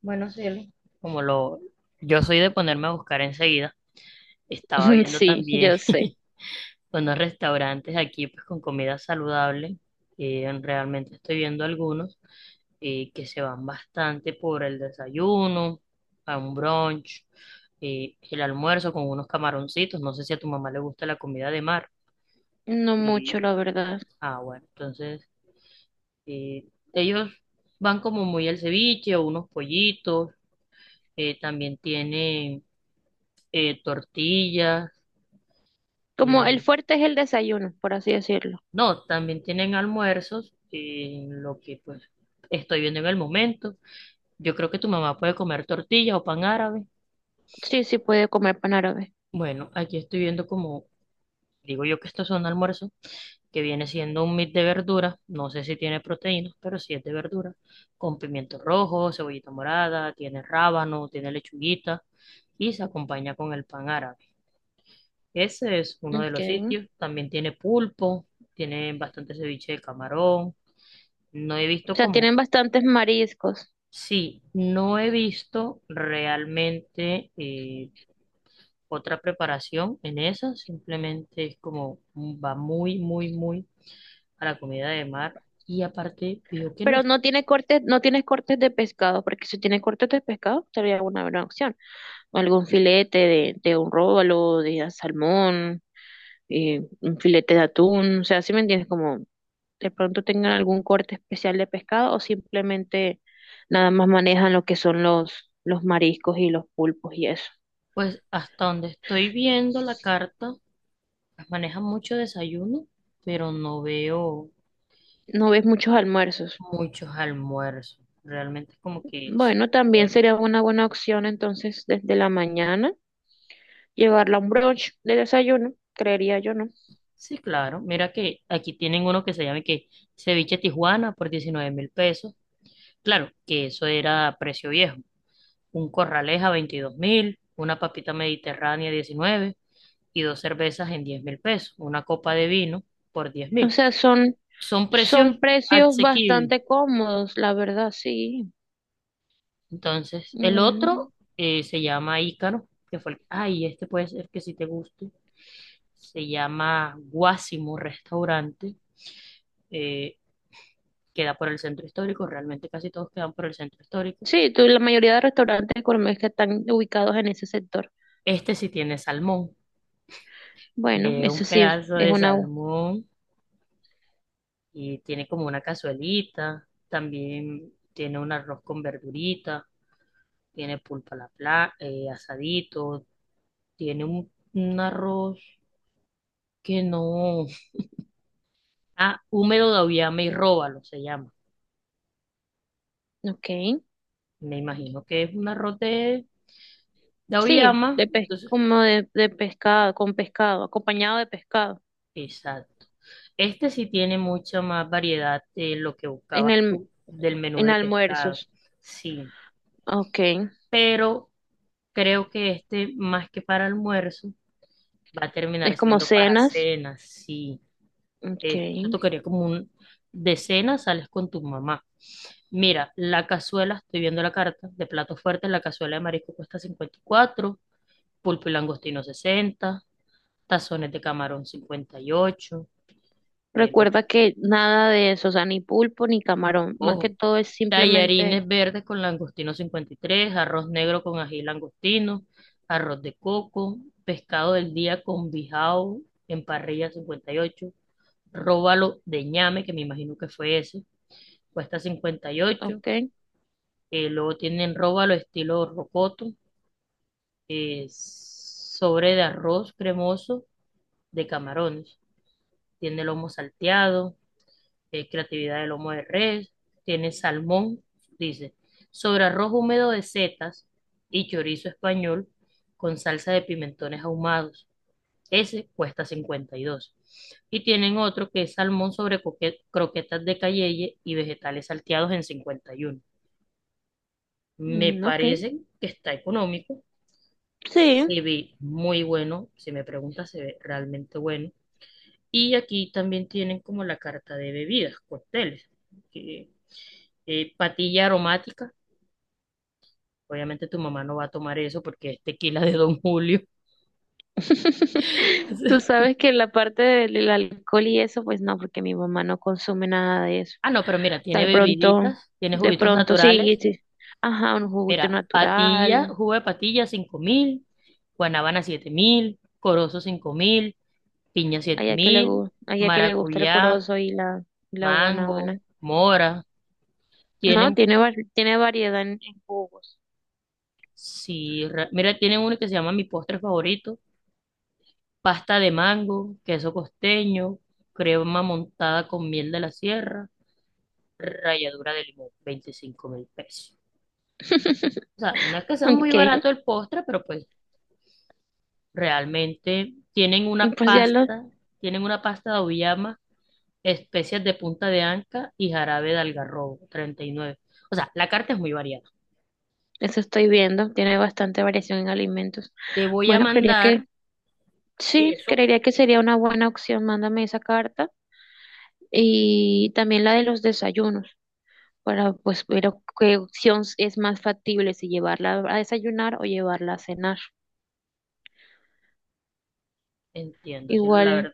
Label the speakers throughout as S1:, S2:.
S1: Bueno, Cielo. Como lo, yo soy de ponerme a buscar enseguida, estaba viendo
S2: Sí,
S1: también
S2: yo sé.
S1: unos restaurantes aquí pues con comida saludable. Y realmente estoy viendo algunos que se van bastante por el desayuno, a un brunch, el almuerzo con unos camaroncitos. No sé si a tu mamá le gusta la comida de mar.
S2: No mucho,
S1: Y,
S2: la verdad.
S1: bueno, entonces eh, ellos van como muy al ceviche o unos pollitos. También tienen tortillas.
S2: Como el
S1: Y
S2: fuerte es el desayuno, por así decirlo.
S1: no, también tienen almuerzos, lo que pues estoy viendo en el momento. Yo creo que tu mamá puede comer tortilla o pan árabe.
S2: Sí, sí puede comer pan árabe.
S1: Bueno, aquí estoy viendo como, digo yo que estos son almuerzos, que viene siendo un mix de verduras, no sé si tiene proteínas, pero sí es de verdura, con pimiento rojo, cebollita morada, tiene rábano, tiene lechuguita y se acompaña con el pan árabe. Ese es uno de los
S2: Okay. O
S1: sitios, también tiene pulpo, tiene bastante ceviche de camarón. No he visto
S2: sea,
S1: como.
S2: tienen bastantes mariscos,
S1: Sí, no he visto realmente otra preparación en esa, simplemente es como va muy, muy, muy a la comida de mar y aparte veo que no
S2: pero
S1: es,
S2: no tiene cortes, no tiene cortes de pescado, porque si tiene cortes de pescado sería una buena opción. O algún filete de un róbalo, de salmón, un filete de atún, o sea, ¿si me entiendes? Como de pronto tengan algún corte especial de pescado o simplemente nada más manejan lo que son los mariscos y los pulpos y eso.
S1: pues hasta donde estoy viendo la carta, manejan mucho desayuno, pero no veo
S2: No ves muchos almuerzos.
S1: muchos almuerzos, realmente es como que
S2: Bueno, también
S1: súper-
S2: sería una buena opción entonces desde la mañana llevarla a un brunch de desayuno, creería yo, ¿no?
S1: Sí, claro, mira que aquí tienen uno que se llama que ceviche Tijuana por 19.000 pesos, claro que eso era precio viejo, un corraleja a 22 mil, una papita mediterránea 19, y dos cervezas en 10 mil pesos, una copa de vino por 10
S2: O
S1: mil.
S2: sea, son,
S1: Son
S2: son
S1: precios
S2: precios
S1: asequibles.
S2: bastante cómodos, la verdad, sí.
S1: Entonces, el
S2: Mm,
S1: otro se llama Ícaro, que fue el- ay, este puede ser que si te guste. Se llama Guásimo Restaurante, eh, queda por el centro histórico, realmente casi todos quedan por el centro histórico.
S2: sí, tú- la mayoría de restaurantes gourmet que están ubicados en ese sector.
S1: Este sí tiene salmón, le
S2: Bueno,
S1: dio un
S2: eso sí
S1: pedazo
S2: es
S1: de
S2: una... u-
S1: salmón y tiene como una cazuelita, también tiene un arroz con verdurita, tiene pulpa a la pla- asadito, tiene un arroz que no, ah, húmedo de auyama y róbalo se llama.
S2: ok.
S1: Me imagino que es un arroz de
S2: Sí,
S1: auyama,
S2: de pes-
S1: entonces,
S2: como de pescado, con pescado, acompañado de pescado,
S1: exacto. Este sí tiene mucha más variedad de lo que
S2: en
S1: buscabas
S2: el,
S1: tú del menú
S2: en
S1: de pescado,
S2: almuerzos.
S1: sí,
S2: Okay.
S1: pero creo que este más que para almuerzo va a
S2: Es
S1: terminar
S2: como
S1: siendo para
S2: cenas.
S1: cenas, sí. Esto
S2: Okay.
S1: tocaría como un de cena, sales con tu mamá. Mira, la cazuela, estoy viendo la carta, de platos fuertes, la cazuela de marisco cuesta 54. Pulpo y langostino 60. Tazones de camarón 58, el otro-
S2: Recuerda que nada de eso, o sea, ni pulpo ni camarón. Más que
S1: ojo,
S2: todo es simplemente,
S1: tallarines verdes con langostino 53. Arroz negro con ají y langostino, arroz de coco, pescado del día con bijao en parrilla 58. Róbalo de ñame, que me imagino que fue ese, cuesta 58.
S2: okay.
S1: Luego tienen róbalo estilo rocoto, sobre de arroz cremoso de camarones. Tiene lomo salteado, creatividad de lomo de res, tiene salmón, dice, sobre arroz húmedo de setas y chorizo español con salsa de pimentones ahumados. Ese cuesta 52, y tienen otro que es salmón sobre croquetas de cayeye y vegetales salteados en 51. Me
S2: Mm, okay.
S1: parece que está económico.
S2: Sí.
S1: Se ve muy bueno. Si me preguntas, se ve realmente bueno. Y aquí también tienen como la carta de bebidas, cócteles, que, patilla aromática. Obviamente tu mamá no va a tomar eso porque es tequila de Don Julio.
S2: Tú sabes que la parte del alcohol y eso, pues no, porque mi mamá no consume nada de eso.
S1: Ah, no, pero mira, tiene
S2: Tal pronto,
S1: bebiditas, tiene
S2: de
S1: juguitos
S2: pronto, sí,
S1: naturales.
S2: sí. Ajá, un juguito
S1: Era patilla,
S2: natural.
S1: jugo de patilla 5.000, guanábana 7.000, corozo 5.000, piña siete
S2: Allá que le
S1: mil,
S2: gusta, allá que le gusta el
S1: maracuyá,
S2: corozo y la guanábana.
S1: mango, mora.
S2: No,
S1: Tienen,
S2: tiene, var- tiene variedad en jugos.
S1: si, re- mira, tienen uno que se llama mi postre favorito, pasta de mango, queso costeño, crema montada con miel de la sierra, ralladura de limón, 25.000 pesos. O sea, no es que sea muy
S2: Ok,
S1: barato el postre, pero pues realmente
S2: pues ya lo,
S1: tienen una pasta de auyama, especies de punta de anca y jarabe de algarrobo, 39. O sea, la carta es muy variada.
S2: eso estoy viendo. Tiene bastante variación en alimentos.
S1: Te voy a
S2: Bueno, creería que
S1: mandar, y
S2: sí,
S1: eso
S2: creería que sería una buena opción. Mándame esa carta y también la de los desayunos para pues ver qué opción es más factible, si llevarla a desayunar o llevarla a cenar.
S1: entiendo, cielo, la
S2: Igual,
S1: verdad.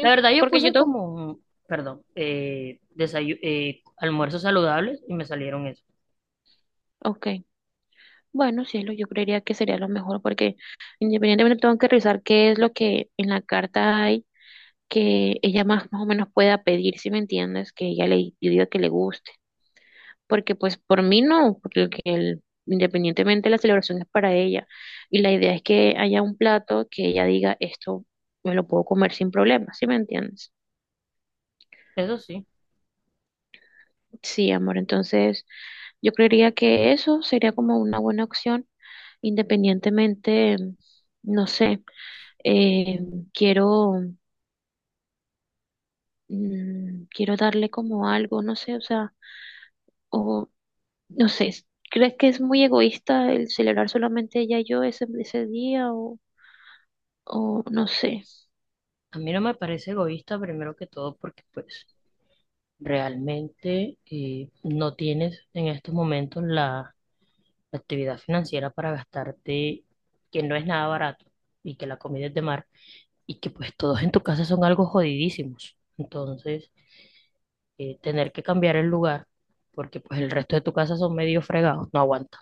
S1: La verdad, yo
S2: porque yo
S1: puse
S2: tengo,
S1: como, perdón, desayu- almuerzos saludables y me salieron eso.
S2: ok. Bueno, sí, es lo, yo creería que sería lo mejor porque independientemente tengo que revisar qué es lo que en la carta hay que ella más, más o menos pueda pedir, si me entiendes, que ella le yo diga que le guste. Porque pues por mí no, porque el- independientemente la celebración es para ella. Y la idea es que haya un plato que ella diga, esto me lo puedo comer sin problema, ¿si me entiendes?
S1: Eso sí,
S2: Sí, amor, entonces yo creería que eso sería como una buena opción, independientemente, no sé. eh, Quiero, mm, quiero darle como algo, no sé, o sea, o no sé, es- ¿crees que es muy egoísta el celebrar solamente ella y yo ese, ese día o no sé?
S1: a mí no me parece egoísta primero que todo porque pues realmente no tienes en estos momentos la actividad financiera para gastarte, que no es nada barato y que la comida es de mar y que pues todos en tu casa son algo jodidísimos. Entonces, tener que cambiar el lugar porque pues el resto de tu casa son medio fregados, no aguanta.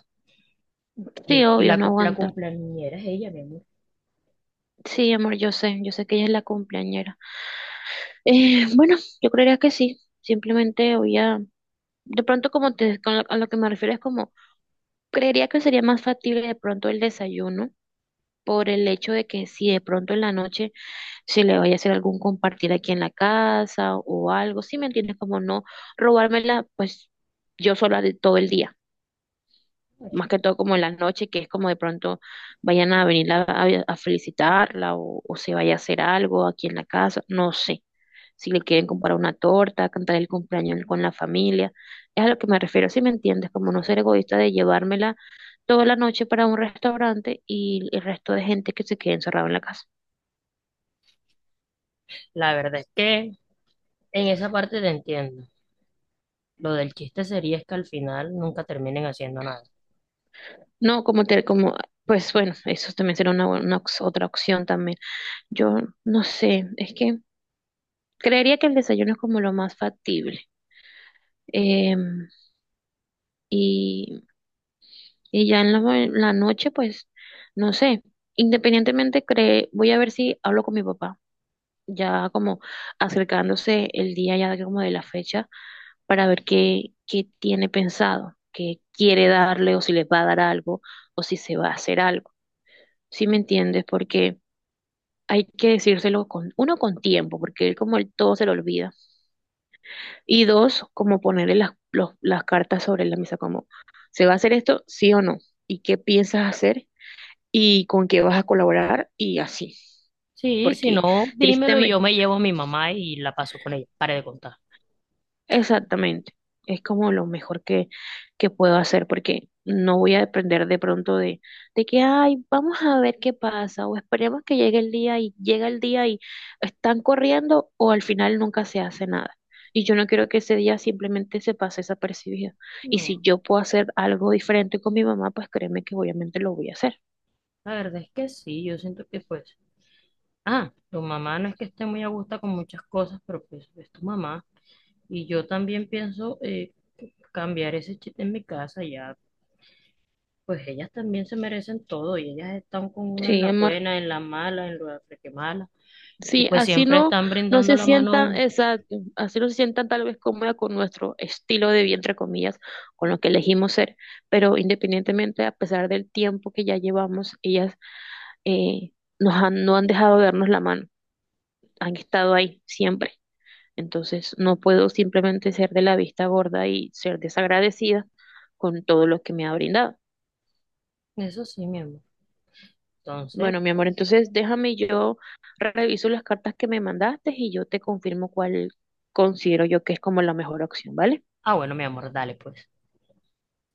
S1: Y
S2: Sí,
S1: el-
S2: obvio,
S1: la,
S2: no
S1: cu- la
S2: aguanta.
S1: cumpleañera es ella, mi amor.
S2: Sí, amor, yo sé que ella es la cumpleañera. Bueno, yo creería que sí, simplemente voy a, de pronto como te, con lo- a lo que me refiero es como, creería que sería más factible de pronto el desayuno por el hecho de que si de pronto en la noche se le vaya a hacer algún compartir aquí en la casa o algo, ¿sí me entiendes? Como no robármela, pues yo sola de todo el día más que todo como en la noche, que es como de pronto vayan a venir a felicitarla o se vaya a hacer algo aquí en la casa, no sé. Si le quieren comprar una torta, cantar el cumpleaños con la familia, es a lo que me refiero, si me entiendes, como
S1: Sí.
S2: no ser egoísta de llevármela toda la noche para un restaurante y el resto de gente que se quede encerrado en la casa.
S1: La verdad es que en esa parte te entiendo. Lo del chiste sería es que al final nunca terminen haciendo nada.
S2: No, como te, como, pues bueno, eso también será una ox- otra opción también. Yo no sé, es que creería que el desayuno es como lo más factible. Em, y, y ya en la, ma- la noche, pues, no sé, independientemente, cre- voy a ver si hablo con mi papá, ya como acercándose el día ya como de la fecha, para ver qué, qué tiene pensado, qué quiere darle o si les va a dar algo o si se va a hacer algo, ¿sí me entiendes? Porque hay que decírselo con, uno, con tiempo, porque él como él todo se lo olvida, y dos, como ponerle las, los- las cartas sobre la mesa, como, ¿se va a hacer esto, sí o no? ¿Y qué piensas hacer? Y con qué vas a colaborar y así,
S1: Sí, si
S2: porque
S1: no, dímelo y yo
S2: tristemente,
S1: me llevo a mi mamá y la paso con ella. Pare de contar.
S2: exactamente, es como lo mejor que puedo hacer, porque no voy a depender de pronto de que, ay, vamos a ver qué pasa, o esperemos que llegue el día y llega el día y están corriendo, o al final nunca se hace nada. Y yo no quiero que ese día simplemente se pase desapercibido. Y si
S1: No,
S2: yo puedo hacer algo diferente con mi mamá, pues créeme que obviamente lo voy a hacer.
S1: la verdad es que sí, yo siento que pues... Ah, tu mamá no es que esté muy a gusto con muchas cosas, pero pues es tu mamá. Y yo también pienso cambiar ese chiste en mi casa, ya, pues ellas también se merecen todo y ellas están con uno en
S2: Sí,
S1: la
S2: amor.
S1: buena, en la mala, en lo que mala, y
S2: Sí,
S1: pues
S2: así
S1: siempre
S2: no,
S1: están
S2: no
S1: brindando
S2: se
S1: la mano a
S2: sientan,
S1: uno.
S2: exacto, así no se sientan tal vez cómoda con nuestro estilo de vida, entre comillas, con lo que elegimos ser, pero independientemente, a pesar del tiempo que ya llevamos, ellas eh, nos han, no han dejado de darnos la mano, han estado ahí siempre. Entonces, no puedo simplemente ser de la vista gorda y ser desagradecida con todo lo que me ha brindado.
S1: Eso sí, mi amor. Entonces,
S2: Bueno, mi amor, entonces déjame yo reviso las cartas que me mandaste y yo te confirmo cuál considero yo que es como la mejor opción, ¿vale?
S1: ah, bueno, mi amor, dale pues.